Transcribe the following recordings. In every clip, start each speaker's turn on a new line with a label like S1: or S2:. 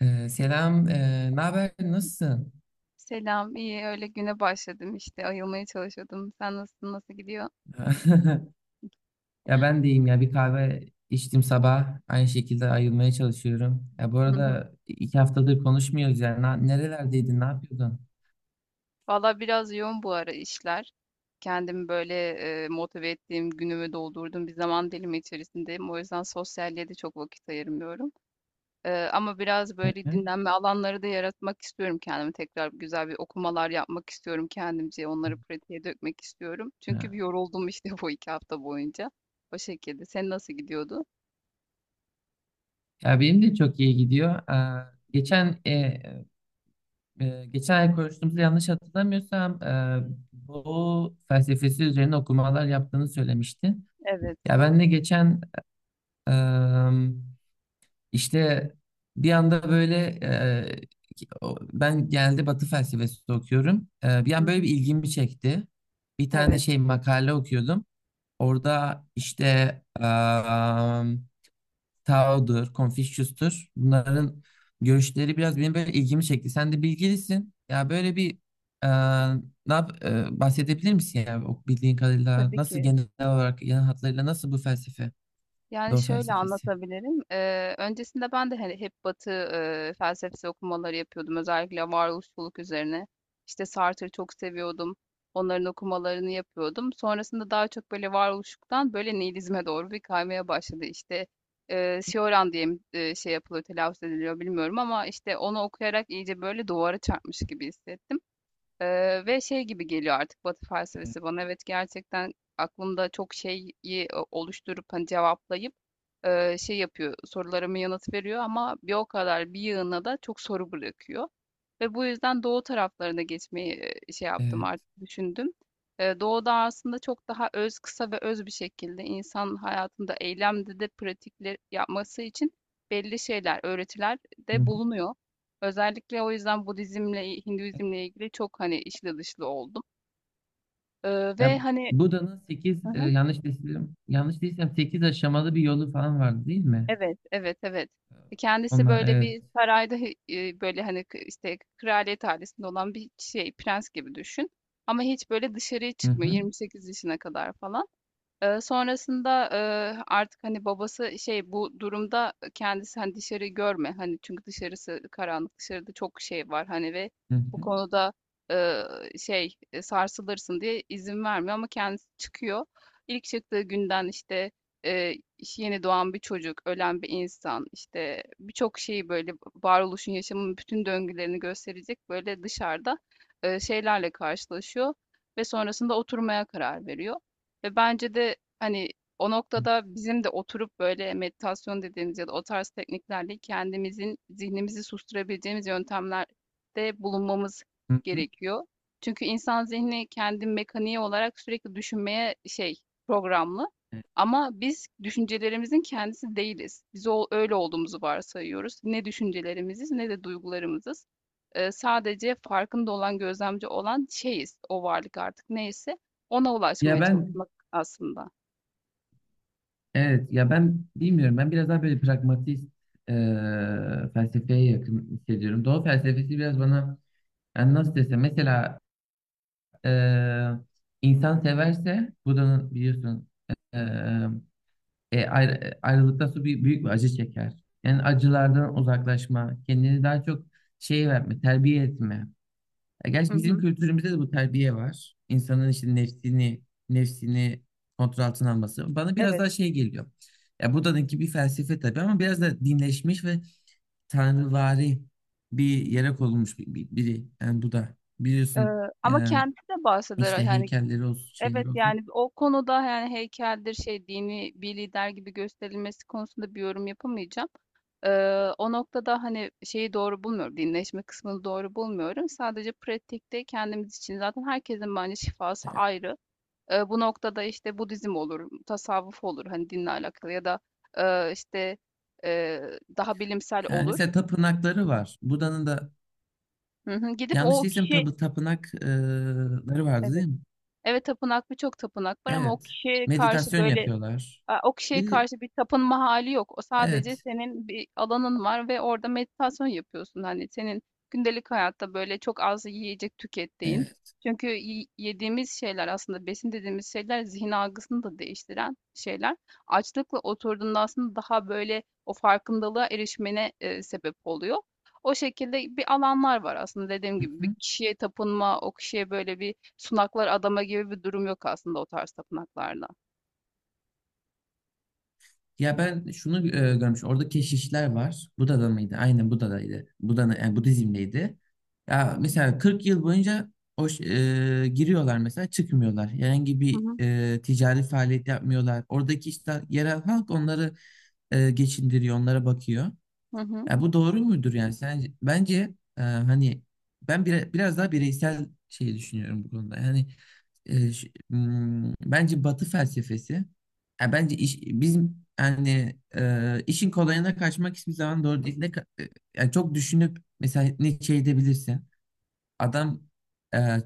S1: Ne haber? Nasılsın?
S2: Selam, iyi. Öyle güne başladım işte. Ayılmaya çalışıyordum. Sen nasılsın? Nasıl gidiyor?
S1: Ya ben deyim ya bir kahve içtim sabah. Aynı şekilde ayılmaya çalışıyorum. Ya bu
S2: Hı hı.
S1: arada iki haftadır konuşmuyoruz yani. Nerelerdeydin? Ne yapıyordun?
S2: Valla biraz yoğun bu ara işler. Kendimi böyle motive ettiğim günümü doldurdum. Bir zaman dilimi içerisindeyim. O yüzden sosyalliğe de çok vakit ayırmıyorum. Ama biraz
S1: Hı
S2: böyle
S1: hı.
S2: dinlenme alanları da yaratmak istiyorum kendime. Tekrar güzel bir okumalar yapmak istiyorum kendimce. Onları pratiğe dökmek istiyorum. Çünkü
S1: Ha.
S2: bir yoruldum işte bu 2 hafta boyunca. O şekilde. Sen nasıl gidiyordu?
S1: Ya benim de çok iyi gidiyor. Aa, geçen e, e, Geçen ay konuştuğumuzda yanlış hatırlamıyorsam, bu felsefesi üzerine okumalar yaptığını söylemiştin.
S2: Evet.
S1: Ya ben de geçen İşte bir anda böyle, e, ben genelde Batı felsefesi okuyorum. E, bir
S2: Hı
S1: an böyle bir
S2: hı.
S1: ilgimi çekti. Bir tane
S2: Evet.
S1: şey makale okuyordum. Orada işte em, Tao'dur, Confucius'tur. Bunların görüşleri biraz benim böyle ilgimi çekti. Sen de bilgilisin. Ya böyle bir, e, bahsedebilir misin ya, o bildiğin kadarıyla
S2: Tabii
S1: nasıl,
S2: ki.
S1: genel olarak, genel hatlarıyla nasıl bu felsefe,
S2: Yani
S1: Doğu
S2: şöyle
S1: felsefesi?
S2: anlatabilirim. Öncesinde ben de hani hep Batı felsefesi okumaları yapıyordum. Özellikle varoluşçuluk üzerine. İşte Sartre'ı çok seviyordum. Onların okumalarını yapıyordum. Sonrasında daha çok böyle varoluşluktan böyle nihilizme doğru bir kaymaya başladı. İşte Cioran diye mi, şey yapılıyor, telaffuz ediliyor bilmiyorum ama işte onu okuyarak iyice böyle duvara çarpmış gibi hissettim. Ve şey gibi geliyor artık Batı felsefesi bana. Evet, gerçekten aklımda çok şeyi oluşturup hani cevaplayıp şey yapıyor, sorularımı yanıt veriyor ama bir o kadar bir yığına da çok soru bırakıyor. Ve bu yüzden doğu taraflarına geçmeyi şey yaptım,
S1: Evet.
S2: artık düşündüm. Doğuda aslında çok daha öz, kısa ve öz bir şekilde insan hayatında eylemde de pratikler yapması için belli şeyler, öğretiler
S1: Hı
S2: de
S1: hı.
S2: bulunuyor. Özellikle o yüzden Budizmle, Hinduizmle ilgili çok hani içli dışlı oldum. E, Ve
S1: Ya
S2: hani
S1: Buda'nın 8, yanlış değilsem 8 aşamalı bir yolu falan vardı değil mi?
S2: evet, evet, evet. Kendisi
S1: Onlar
S2: böyle
S1: evet.
S2: bir sarayda böyle hani işte kraliyet ailesinde olan bir şey, prens gibi düşün. Ama hiç böyle dışarıya
S1: Hı
S2: çıkmıyor
S1: hı,
S2: 28 yaşına kadar falan. Sonrasında, artık, hani, babası şey bu durumda kendisi, hani, dışarı görme, hani, çünkü dışarısı karanlık, dışarıda çok şey var, hani, ve
S1: hı
S2: bu
S1: hı,
S2: konuda, eee, şey, sarsılırsın diye izin vermiyor ama kendisi çıkıyor. İlk çıktığı günden, işte, işte, yeni doğan bir çocuk, ölen bir insan, işte, birçok şeyi, böyle, varoluşun, yaşamın bütün döngülerini gösterecek, böyle, dışarıda, şeylerle karşılaşıyor ve sonrasında oturmaya karar veriyor. Ve bence de hani o noktada bizim de oturup böyle meditasyon dediğimiz ya da o tarz tekniklerle kendimizin zihnimizi susturabileceğimiz yöntemlerde bulunmamız
S1: hı hı.
S2: gerekiyor. Çünkü insan zihni kendi mekaniği olarak sürekli düşünmeye şey programlı. Ama biz düşüncelerimizin kendisi değiliz. Biz o, öyle olduğumuzu varsayıyoruz. Ne düşüncelerimiziz ne de duygularımızız. Sadece farkında olan, gözlemci olan şeyiz, o varlık artık neyse ona
S1: Ya
S2: ulaşmaya
S1: ben
S2: çalışmak aslında.
S1: evet ya ben bilmiyorum, ben biraz daha böyle pragmatist e, felsefeye yakın hissediyorum. Doğu felsefesi biraz bana, yani nasıl desem, mesela, e, insan severse Buda'nın biliyorsun, e, ayrılıktan sonra bir, büyük bir acı çeker. Yani acılardan uzaklaşma, kendini daha çok şey verme, terbiye etme. Ya gerçi
S2: Hı
S1: bizim
S2: hı.
S1: kültürümüzde de bu terbiye var. İnsanın işte nefsini kontrol altına alması. Bana biraz
S2: Evet.
S1: daha şey geliyor. Ya Buda'nınki bir felsefe tabii, ama biraz da dinleşmiş ve tanrıvari bir yere konulmuş bir, bir- biri. Yani Buda. Biliyorsun,
S2: Eee, Ama
S1: e,
S2: kendisi de bahseder,
S1: işte
S2: yani.
S1: heykelleri olsun,
S2: Evet,
S1: şeyleri olsun.
S2: yani o konuda, yani heykeldir şey, dini bir lider gibi gösterilmesi konusunda bir yorum yapamayacağım. Ee, O noktada hani şeyi doğru bulmuyorum. Dinleşme kısmını doğru bulmuyorum. Sadece pratikte kendimiz için zaten herkesin bence şifası ayrı. Bu noktada işte Budizm olur, tasavvuf olur, hani dinle alakalı ya da işte e, daha bilimsel
S1: Yani
S2: olur.
S1: mesela tapınakları var. Buda'nın da,
S2: Hı hı. Gidip
S1: yanlış
S2: o
S1: değilsem,
S2: kişi
S1: tapınakları vardı
S2: evet.
S1: değil mi?
S2: Evet, tapınak, birçok tapınak var ama o
S1: Evet.
S2: kişiye karşı
S1: Meditasyon
S2: böyle
S1: yapıyorlar.
S2: o kişiye
S1: Bir,
S2: karşı bir tapınma hali yok. O sadece
S1: evet.
S2: senin bir alanın var ve orada meditasyon yapıyorsun. Hani senin gündelik hayatta böyle çok az yiyecek tükettiğin.
S1: Evet.
S2: Çünkü yediğimiz şeyler, aslında besin dediğimiz şeyler zihin algısını da değiştiren şeyler. Açlıkla oturduğunda aslında daha böyle o farkındalığa erişmene sebep oluyor. O şekilde bir alanlar var, aslında dediğim gibi bir
S1: Hı-hı.
S2: kişiye tapınma, o kişiye böyle bir sunaklar adama gibi bir durum yok aslında o tarz tapınaklarda.
S1: Ya ben şunu görmüş. Orada keşişler var. Buda'da mıydı? Aynen Buda'daydı. Buda'nın yani Budizm'deydi. Ya mesela 40 yıl boyunca o ş- giriyorlar mesela, çıkmıyorlar. Herhangi
S2: Hı
S1: bir
S2: hı.
S1: ticari faaliyet yapmıyorlar. Oradaki işte yerel halk onları geçindiriyor, onlara bakıyor.
S2: Hı hı.
S1: Ya bu doğru mudur yani sence? Bence, hani, ben biraz daha bireysel şeyi düşünüyorum bu konuda. Yani, bence Batı felsefesi, ya bence bizim yani, işin kolayına kaçmak hiçbir zaman doğru değil. Yani çok düşünüp mesela ne şey edebilirsin. Adam e,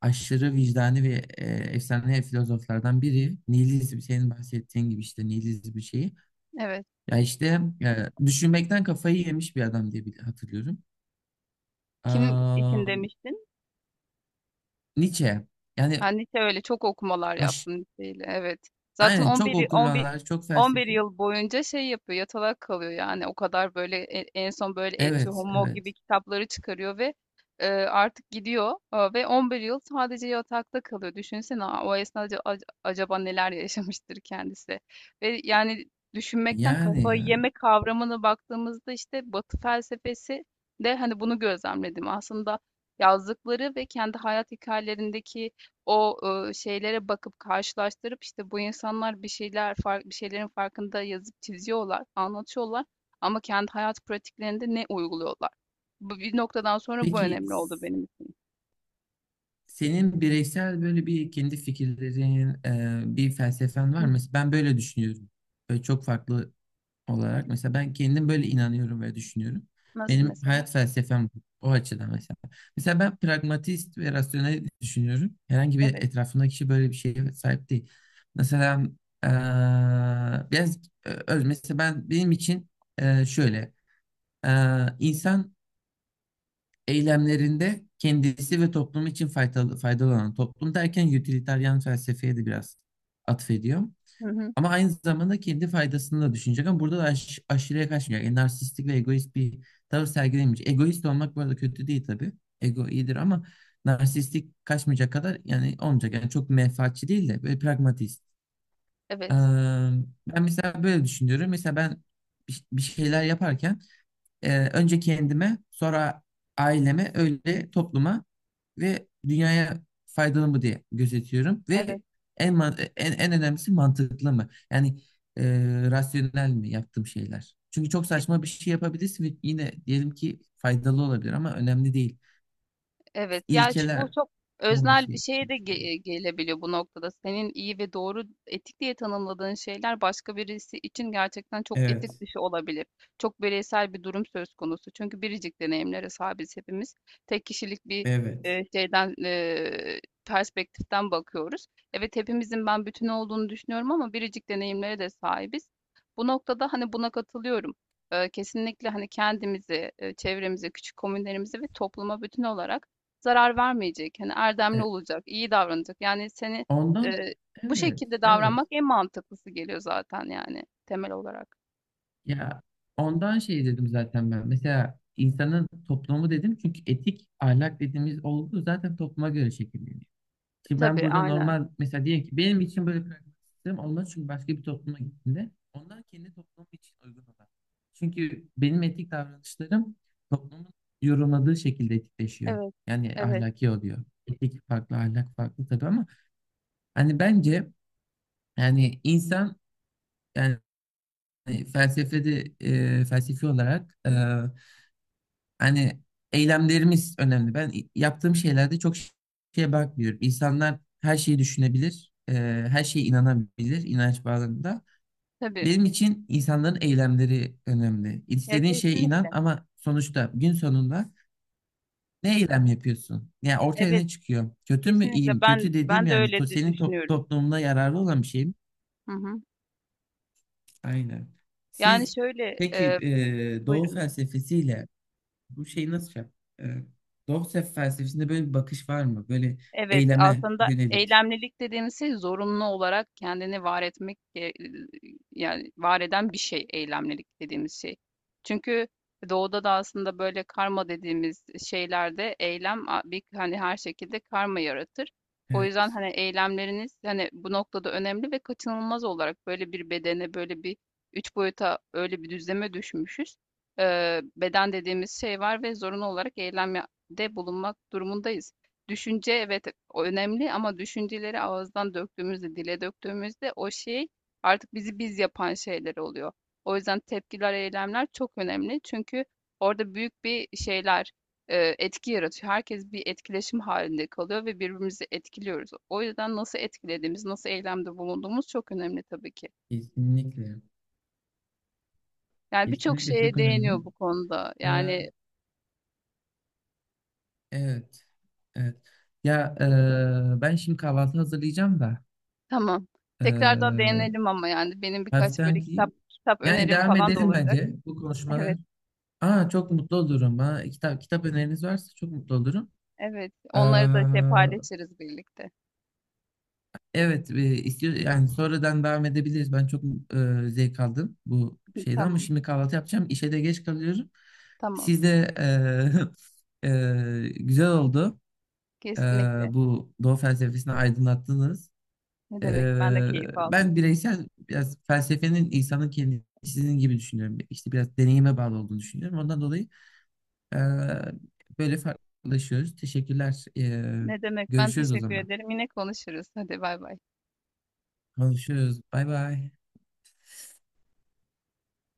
S1: aşırı vicdani ve efsane filozoflardan biri. Nihilizm, senin bahsettiğin gibi işte, nihilizm bir şeyi.
S2: Evet.
S1: Ya işte, düşünmekten kafayı yemiş bir adam diye hatırlıyorum.
S2: Kim
S1: Aa,
S2: için demiştin?
S1: Nietzsche. Yani
S2: Ben lise öyle çok okumalar
S1: aş-
S2: yaptım liseyle. Evet. Zaten
S1: aynen, çok
S2: 11 y-
S1: okumalar, çok
S2: 11 11
S1: felsefi.
S2: yıl boyunca şey yapıyor, yatalak kalıyor yani. O kadar böyle en son böyle Etü
S1: Evet,
S2: Homo gibi
S1: evet.
S2: kitapları çıkarıyor ve artık gidiyor, ve 11 yıl sadece yatakta kalıyor. Düşünsene o esnada acaba neler yaşamıştır kendisi. Ve yani düşünmekten
S1: Yani
S2: kafayı
S1: ya.
S2: yeme kavramına baktığımızda işte Batı felsefesi de hani bunu gözlemledim. Aslında yazdıkları ve kendi hayat hikayelerindeki o şeylere bakıp karşılaştırıp, işte, bu insanlar bir şeyler fark, bir şeylerin farkında yazıp çiziyorlar, anlatıyorlar ama kendi hayat pratiklerinde ne uyguluyorlar? Bu bir noktadan sonra bu
S1: Peki
S2: önemli oldu
S1: s-
S2: benim için.
S1: senin bireysel böyle bir kendi fikirlerin, bir felsefen var
S2: Hı.
S1: mı? Mesela ben böyle düşünüyorum. Böyle çok farklı olarak. Mesela ben kendim böyle inanıyorum ve düşünüyorum.
S2: Nasıl
S1: Benim
S2: mesela?
S1: hayat felsefem bu, o açıdan mesela. Mesela ben pragmatist ve rasyonel düşünüyorum. Herhangi bir
S2: Evet.
S1: etrafındaki kişi böyle bir şeye sahip değil. Mesela biraz, mesela ben, benim için, şöyle, insan eylemlerinde kendisi ve toplum için faydalı olan, toplum derken utilitarian felsefeye de biraz atfediyor.
S2: Hı hı.
S1: Ama aynı zamanda kendi faydasını da düşünecek, ama burada da aşırıya kaçmayacak. Yani narsistik ve egoist bir tavır sergilemeyecek. Egoist olmak bu arada kötü değil tabii. Ego iyidir, ama narsistik kaçmayacak kadar yani olmayacak. Yani çok menfaatçi değil de böyle pragmatist. Ee,
S2: Evet.
S1: Ben mesela böyle düşünüyorum. Mesela ben bir şeyler yaparken, önce kendime, sonra aileme, öyle topluma ve dünyaya faydalı mı diye gözetiyorum ve
S2: Evet.
S1: en önemlisi, mantıklı mı? Yani, e, rasyonel mi yaptığım şeyler? Çünkü çok saçma bir şey yapabilirsin ve yine, diyelim ki, faydalı olabilir ama önemli değil.
S2: Evet, ya bu
S1: İlkeler
S2: çok
S1: olması
S2: öznel bir şeye
S1: gerekiyor.
S2: de gelebiliyor bu noktada. Senin iyi ve doğru, etik diye tanımladığın şeyler başka birisi için gerçekten çok etik
S1: Evet,
S2: dışı olabilir. Çok bireysel bir durum söz konusu. Çünkü biricik deneyimlere sahibiz hepimiz. Tek kişilik bir
S1: evet.
S2: şeyden perspektiften bakıyoruz. Evet, hepimizin ben bütün olduğunu düşünüyorum ama biricik deneyimlere de sahibiz. Bu noktada hani buna katılıyorum. Kesinlikle hani kendimizi, çevremizi, küçük komünlerimizi ve topluma bütün olarak zarar vermeyecek, hani erdemli
S1: E,
S2: olacak, iyi davranacak. Yani seni
S1: Ondan,
S2: eee, bu
S1: evet,
S2: şekilde
S1: evet.
S2: davranmak en mantıklısı geliyor zaten yani temel olarak.
S1: Ya ondan şey dedim zaten ben. Mesela insanın toplumu dedim, çünkü etik ahlak dediğimiz olgu zaten topluma göre şekilleniyor. Şimdi ben
S2: Tabii,
S1: burada
S2: aynen.
S1: normal, mesela diyelim ki, benim için böyle pragmatik sistem olmaz, çünkü başka bir topluma gittiğinde onlar kendi toplumu için uygun olan. Çünkü benim etik davranışlarım toplumun yorumladığı şekilde etikleşiyor.
S2: Evet,
S1: Yani
S2: evet,
S1: ahlaki oluyor. Etik farklı, ahlak farklı tabii, ama hani bence, yani insan, yani felsefede, felsefi olarak, hani eylemlerimiz önemli. Ben yaptığım şeylerde çok şeye bakmıyorum. İnsanlar her şeyi düşünebilir, her şeye inanabilir, inanç bağlamında.
S2: tabii.
S1: Benim için insanların eylemleri önemli.
S2: Ya,
S1: İstediğin şeye
S2: kesinlikle.
S1: inan, ama sonuçta gün sonunda ne eylem yapıyorsun? Yani ortaya
S2: Evet,
S1: ne çıkıyor? Kötü mü, iyi
S2: kesinlikle
S1: mi?
S2: ben
S1: Kötü dediğim,
S2: ben de
S1: yani,
S2: öyle
S1: senin
S2: düşünüyorum.
S1: toplumuna yararlı olan bir şey mi?
S2: Hı hı.
S1: Aynen.
S2: Yani
S1: Siz
S2: şöyle,
S1: peki, Doğu
S2: buyurun.
S1: felsefesiyle bu şeyi nasıl şey yap? E, Dostoyev felsefesinde böyle bir bakış var mı? Böyle
S2: Evet,
S1: eyleme
S2: aslında
S1: yönelik.
S2: eylemlilik dediğimiz şey zorunlu olarak kendini var etmek yani var eden bir şey eylemlilik dediğimiz şey. Çünkü doğuda da aslında böyle karma dediğimiz şeylerde eylem bir hani her şekilde karma yaratır. O yüzden
S1: Evet,
S2: hani eylemleriniz hani bu noktada önemli ve kaçınılmaz olarak böyle bir bedene, böyle bir 3 boyuta, öyle bir düzleme düşmüşüz. Beden dediğimiz şey var ve zorunlu olarak eylemde bulunmak durumundayız. Düşünce, evet, önemli ama düşünceleri ağızdan döktüğümüzde, dile döktüğümüzde o şey artık bizi biz yapan şeyler oluyor. O yüzden tepkiler, eylemler çok önemli. Çünkü orada büyük bir şeyler etki yaratıyor. Herkes bir etkileşim halinde kalıyor ve birbirimizi etkiliyoruz. O yüzden nasıl etkilediğimiz, nasıl eylemde bulunduğumuz çok önemli tabii ki.
S1: kesinlikle.
S2: Yani birçok
S1: Kesinlikle
S2: şeye
S1: çok önemli.
S2: değiniyor bu konuda.
S1: E,
S2: Yani,
S1: evet. Evet. Ya, ben şimdi kahvaltı hazırlayacağım da,
S2: tamam.
S1: e,
S2: Tekrardan değinelim ama yani benim birkaç böyle
S1: hafiften
S2: kitap
S1: kıyım.
S2: kitap
S1: Yani
S2: önerim
S1: devam
S2: falan da
S1: edelim
S2: olacak.
S1: bence bu konuşmalar.
S2: Evet.
S1: Çok mutlu olurum. Ha, kitap, kitap öneriniz varsa çok mutlu olurum.
S2: Evet,
S1: Ee,
S2: onları da şey paylaşırız birlikte.
S1: Evet, istiyor yani sonradan devam edebiliriz. Ben çok zevk aldım bu şeyden, ama
S2: Tamam,
S1: şimdi kahvaltı yapacağım. İşe de geç kalıyorum.
S2: tamam.
S1: Siz de güzel oldu. E,
S2: Kesinlikle.
S1: Bu Doğu felsefesini aydınlattınız.
S2: Ne
S1: E,
S2: demek? Ben de keyif aldım.
S1: Ben bireysel biraz felsefenin insanın kendisi gibi düşünüyorum. İşte biraz deneyime bağlı olduğunu düşünüyorum. Ondan dolayı, e, böyle farklılaşıyoruz. Teşekkürler.
S2: Ne demek? Ben
S1: Görüşürüz o
S2: teşekkür
S1: zaman.
S2: ederim. Yine konuşuruz. Hadi, bay bay.
S1: Konuşuyoruz. Bay bay.